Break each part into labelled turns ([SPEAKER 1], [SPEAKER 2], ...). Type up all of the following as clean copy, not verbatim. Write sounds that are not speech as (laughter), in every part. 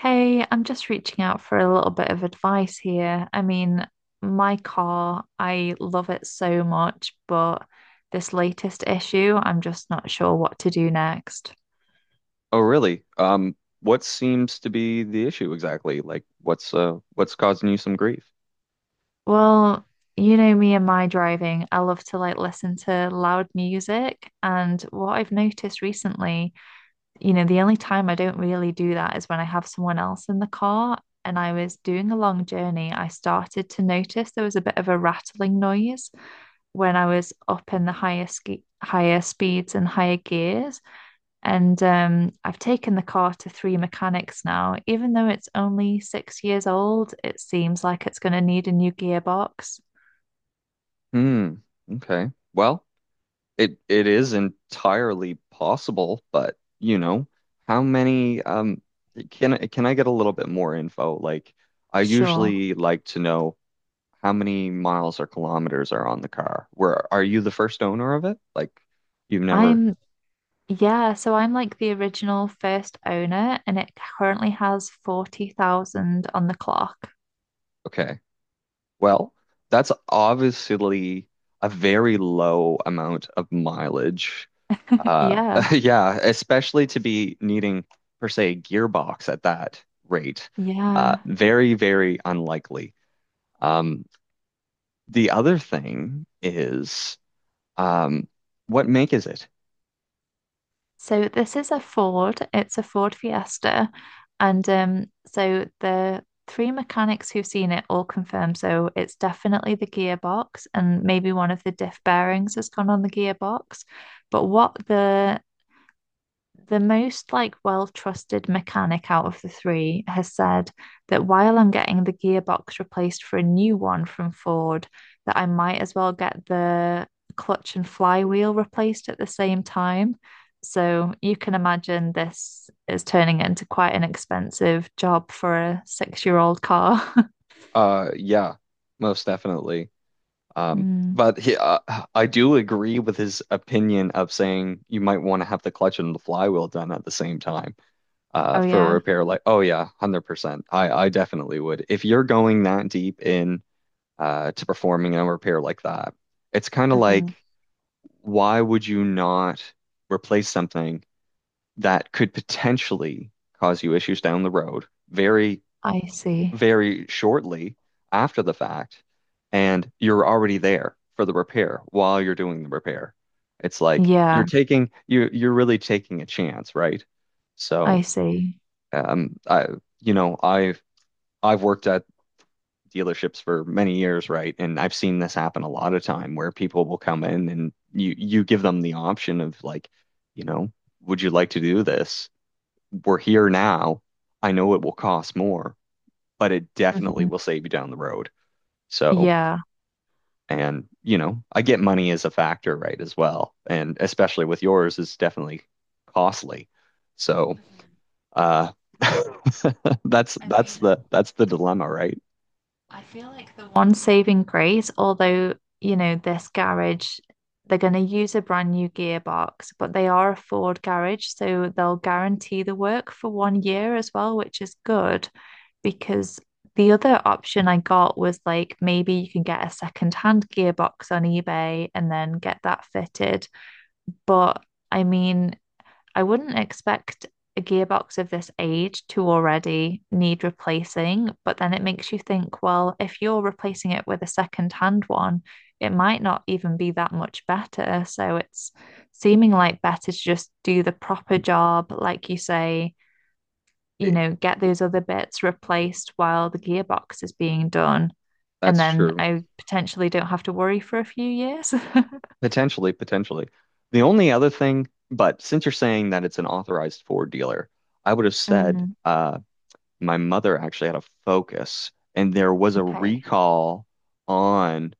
[SPEAKER 1] Hey, I'm just reaching out for a little bit of advice here. I mean, my car, I love it so much, but this latest issue, I'm just not sure what to do next.
[SPEAKER 2] Oh, really? What seems to be the issue exactly? Like, what's causing you some grief?
[SPEAKER 1] Well, you know me and my driving, I love to like listen to loud music. And what I've noticed recently, you know, the only time I don't really do that is when I have someone else in the car. And I was doing a long journey, I started to notice there was a bit of a rattling noise when I was up in the higher ski higher speeds and higher gears. And I've taken the car to three mechanics now. Even though it's only 6 years old, it seems like it's going to need a new gearbox.
[SPEAKER 2] Hmm. Okay. Well, it is entirely possible, but you know, how many? Can I get a little bit more info? Like, I
[SPEAKER 1] Sure.
[SPEAKER 2] usually like to know how many miles or kilometers are on the car. Where are you the first owner of it? Like, you've never.
[SPEAKER 1] I'm, yeah, so I'm like the original first owner, and it currently has 40,000 on the clock. (laughs)
[SPEAKER 2] Okay. Well, that's obviously a very low amount of mileage. Uh,
[SPEAKER 1] Yeah.
[SPEAKER 2] (laughs) yeah, especially to be needing, per se, a gearbox at that rate.
[SPEAKER 1] Yeah.
[SPEAKER 2] Very, very unlikely. Um, the other thing is, um, what make is it?
[SPEAKER 1] So this is a Ford. It's a Ford Fiesta. And so the three mechanics who've seen it all confirm. So it's definitely the gearbox, and maybe one of the diff bearings has gone on the gearbox. But what the most like well-trusted mechanic out of the three has said that while I'm getting the gearbox replaced for a new one from Ford, that I might as well get the clutch and flywheel replaced at the same time. So you can imagine this is turning into quite an expensive job for a six-year-old car. (laughs)
[SPEAKER 2] Yeah, most definitely. Um,
[SPEAKER 1] Mm.
[SPEAKER 2] but he, uh, I do agree with his opinion of saying you might want to have the clutch and the flywheel done at the same time.
[SPEAKER 1] Oh
[SPEAKER 2] For a
[SPEAKER 1] yeah.
[SPEAKER 2] repair. Like, oh yeah, 100%. I definitely would. If you're going that deep in to performing a repair like that, it's kind of
[SPEAKER 1] Hmm.
[SPEAKER 2] like, why would you not replace something that could potentially cause you issues down the road very,
[SPEAKER 1] I see.
[SPEAKER 2] very shortly after the fact, and you're already there for the repair while you're doing the repair? It's like you're
[SPEAKER 1] Yeah,
[SPEAKER 2] taking you're you're really taking a chance, right?
[SPEAKER 1] I
[SPEAKER 2] So.
[SPEAKER 1] see.
[SPEAKER 2] Um, I, you know, I've I've worked at dealerships for many years, right? And I've seen this happen a lot of time where people will come in and you give them the option of like, you know, would you like to do this? We're here now. I know it will cost more, but it definitely
[SPEAKER 1] Hmm.
[SPEAKER 2] will save you down the road. So,
[SPEAKER 1] Yeah.
[SPEAKER 2] and you know, I get money as a factor, right, as well. And especially with yours, is definitely costly. So,
[SPEAKER 1] Mhm.
[SPEAKER 2] uh (laughs) that's
[SPEAKER 1] I
[SPEAKER 2] that's
[SPEAKER 1] mean,
[SPEAKER 2] the that's the dilemma, right?
[SPEAKER 1] I feel like the one saving grace, although, you know, this garage, they're going to use a brand new gearbox, but they are a Ford garage, so they'll guarantee the work for 1 year as well, which is good because the other option I got was like maybe you can get a second-hand gearbox on eBay and then get that fitted. But I mean, I wouldn't expect a gearbox of this age to already need replacing, but then it makes you think, well, if you're replacing it with a second-hand one, it might not even be that much better. So it's seeming like better to just do the proper job, like you say, you
[SPEAKER 2] it-
[SPEAKER 1] know, get those other bits replaced while the gearbox is being done. And
[SPEAKER 2] That's
[SPEAKER 1] then
[SPEAKER 2] true.
[SPEAKER 1] I potentially don't have to worry for a few years. (laughs)
[SPEAKER 2] Potentially, potentially. The only other thing, but since you're saying that it's an authorized Ford dealer, I would have said
[SPEAKER 1] Mm,
[SPEAKER 2] my mother actually had a Focus, and there was a
[SPEAKER 1] okay.
[SPEAKER 2] recall on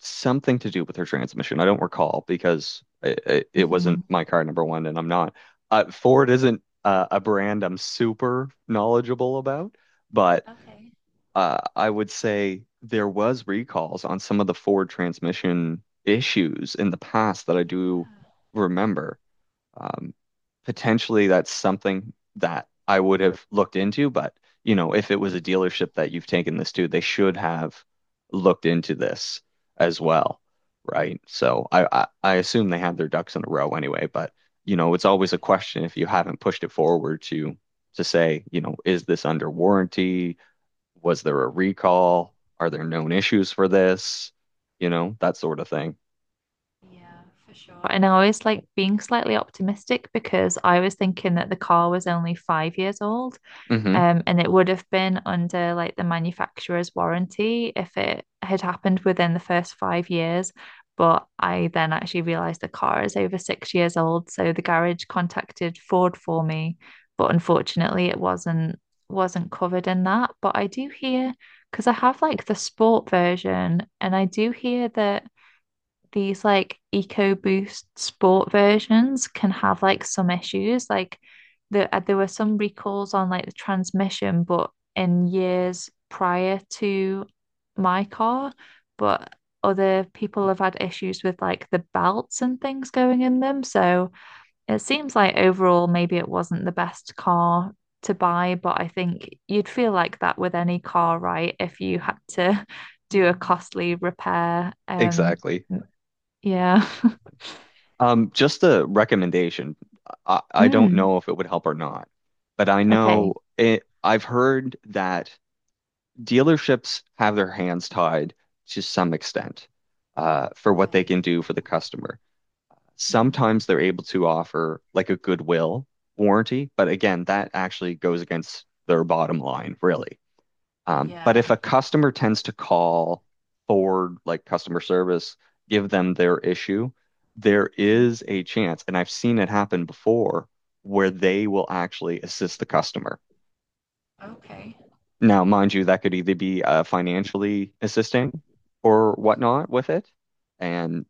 [SPEAKER 2] something to do with her transmission. I don't recall because it wasn't
[SPEAKER 1] Mhm.
[SPEAKER 2] my car, number one, and I'm not. Ford isn't a brand I'm super knowledgeable about, but
[SPEAKER 1] Okay.
[SPEAKER 2] I would say there was recalls on some of the Ford transmission issues in the past that I do
[SPEAKER 1] Yeah.
[SPEAKER 2] remember. Um, potentially, that's something that I would have looked into, but you know, if it was a dealership that you've taken this to, they should have looked into this as well, right? So I assume they had their ducks in a row anyway, but you know, it's always a question if you haven't pushed it forward to say, you know, is this under warranty? Was there a recall? Are there known issues for this? You know, that sort of thing.
[SPEAKER 1] Yeah, for sure. And I was like being slightly optimistic because I was thinking that the car was only 5 years old,
[SPEAKER 2] Hmm.
[SPEAKER 1] and it would have been under like the manufacturer's warranty if it had happened within the first 5 years. But I then actually realized the car is over 6 years old, so the garage contacted Ford for me, but unfortunately it wasn't covered in that. But I do hear because I have like the sport version, and I do hear that these like EcoBoost sport versions can have like some issues. Like there were some recalls on like the transmission, but in years prior to my car, but other people have had issues with like the belts and things going in them. So it seems like overall, maybe it wasn't the best car to buy, but I think you'd feel like that with any car, right? If you had to (laughs) do a costly repair.
[SPEAKER 2] Exactly.
[SPEAKER 1] Yeah. (laughs)
[SPEAKER 2] Exactly. Just a recommendation. I don't
[SPEAKER 1] Mm,
[SPEAKER 2] know if it would help or not, but I
[SPEAKER 1] okay.
[SPEAKER 2] know I've heard that dealerships have their hands tied to some extent, for what they
[SPEAKER 1] Okay.
[SPEAKER 2] can do for the customer.
[SPEAKER 1] Mhm.
[SPEAKER 2] Sometimes they're able to offer like a goodwill warranty, but again, that actually goes against their bottom line, really. But
[SPEAKER 1] Yeah.
[SPEAKER 2] if a customer tends to call Ford, like customer service, give them their issue, there
[SPEAKER 1] Mhm.
[SPEAKER 2] is a chance, and I've seen it happen before, where they will actually assist the customer.
[SPEAKER 1] Okay.
[SPEAKER 2] Now, mind you, that could either be financially assisting or
[SPEAKER 1] Mhm.
[SPEAKER 2] whatnot with it. And,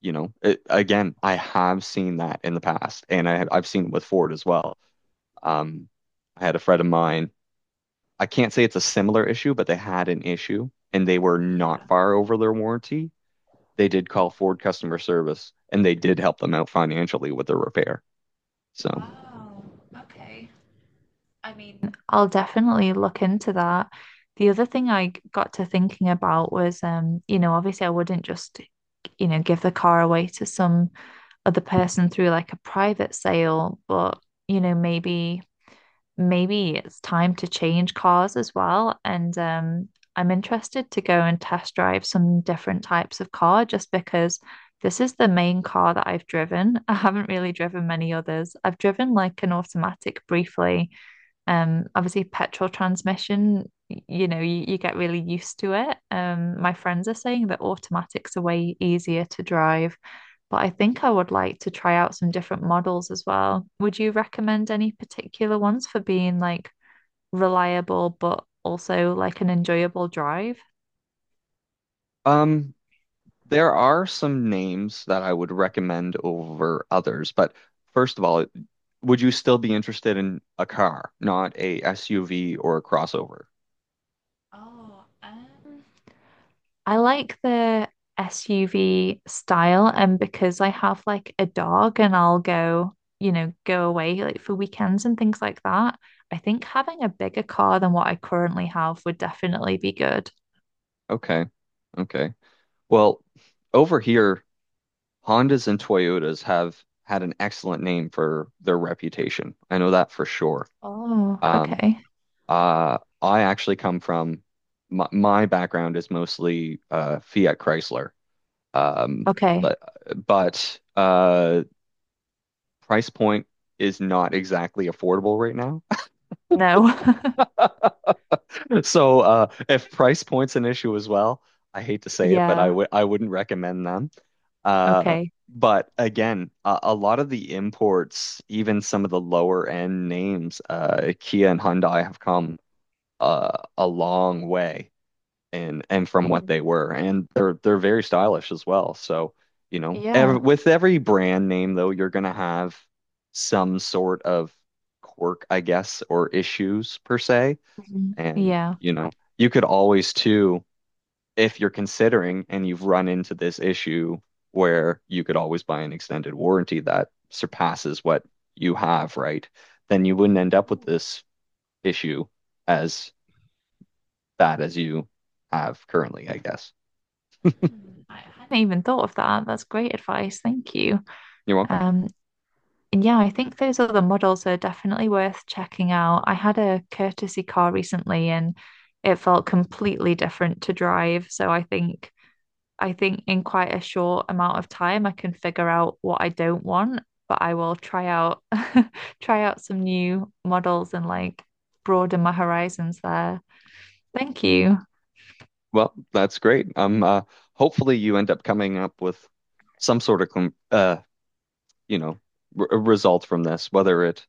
[SPEAKER 2] you know, again, I have seen that in the past, and I've seen it with Ford as well. Um, I had a friend of mine. I can't say it's a similar issue, but they had an issue and they were not
[SPEAKER 1] Yeah.
[SPEAKER 2] far over their warranty. They did call
[SPEAKER 1] Okay.
[SPEAKER 2] Ford customer service and they did help them out financially with the repair. So,
[SPEAKER 1] Wow. Okay. I mean, I'll definitely look into that. The other thing got to thinking about was, you know, obviously I wouldn't just, you know, give the car away to some other person through like a private sale, but, you know, maybe it's time to change cars as well. And I'm interested to go and test drive some different types of car just because this is the main car that I've driven. (laughs) I haven't really driven many others. I've driven like an automatic briefly, obviously, petrol transmission, you know, you get really used to it. My friends are saying that automatics are way easier to drive, but I think I would like to try out some different models as well. Would you recommend any particular ones for being like reliable, but also like an enjoyable drive?
[SPEAKER 2] um, there are some names that I would recommend over others, but first of all, would you still be interested in a car, not a SUV or a crossover?
[SPEAKER 1] Oh, um, I like the SUV style, and because I have like a dog and I'll go, you know, go away like for weekends and things like that, I think having a bigger car than what I currently have would definitely be good.
[SPEAKER 2] Okay, okay. Well, over here, Hondas and Toyotas have had an excellent name for their reputation. I know that for sure.
[SPEAKER 1] Oh,
[SPEAKER 2] Um,
[SPEAKER 1] okay.
[SPEAKER 2] I actually come from my background is mostly Fiat Chrysler. Um,
[SPEAKER 1] Okay.
[SPEAKER 2] but, but price point is not exactly affordable right now. (laughs)
[SPEAKER 1] No. (laughs)
[SPEAKER 2] So if price point's an issue as well, I hate to say it, but
[SPEAKER 1] Yeah.
[SPEAKER 2] I wouldn't recommend them. Uh,
[SPEAKER 1] Okay.
[SPEAKER 2] but again, a lot of the imports, even some of the lower end names, Kia and Hyundai have come a long way and from what
[SPEAKER 1] Hmm.
[SPEAKER 2] they were and they're very stylish as well, so you know, ev
[SPEAKER 1] Yeah.
[SPEAKER 2] with every brand name, though, you're going to have some sort of quirk, I guess, or issues per se.
[SPEAKER 1] Mhm.
[SPEAKER 2] And
[SPEAKER 1] Yeah.
[SPEAKER 2] you know, you could always, too, if you're considering and you've run into this issue, where you could always buy an extended warranty that surpasses what you have, right? Then you wouldn't end up with
[SPEAKER 1] Oh.
[SPEAKER 2] this issue as bad as you have currently, I guess.
[SPEAKER 1] Mm, I hadn't even thought of that. That's great advice. Thank you.
[SPEAKER 2] You're welcome.
[SPEAKER 1] Um, And yeah, I think those other models are definitely worth checking out. I had a courtesy car recently and it felt completely different to drive. So I think in quite a short amount of time I can figure out what I don't want, but I will try out (laughs) try out some new models and like broaden my horizons there. Thank you.
[SPEAKER 2] Well, that's great. Hopefully you end up coming up with some sort of com you know, r result from this, whether it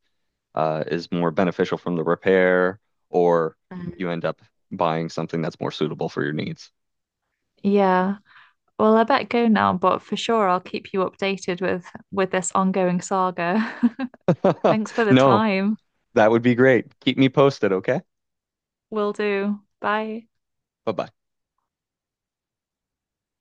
[SPEAKER 2] is more beneficial from the repair or you
[SPEAKER 1] Mm.
[SPEAKER 2] end up buying something that's more suitable for your needs.
[SPEAKER 1] Yeah. Well, I bet go now, but for sure I'll keep you updated with this ongoing saga. (laughs)
[SPEAKER 2] (laughs)
[SPEAKER 1] Thanks for the
[SPEAKER 2] No,
[SPEAKER 1] time.
[SPEAKER 2] that would be great. Keep me posted, okay?
[SPEAKER 1] Will do. Bye.
[SPEAKER 2] Bye-bye.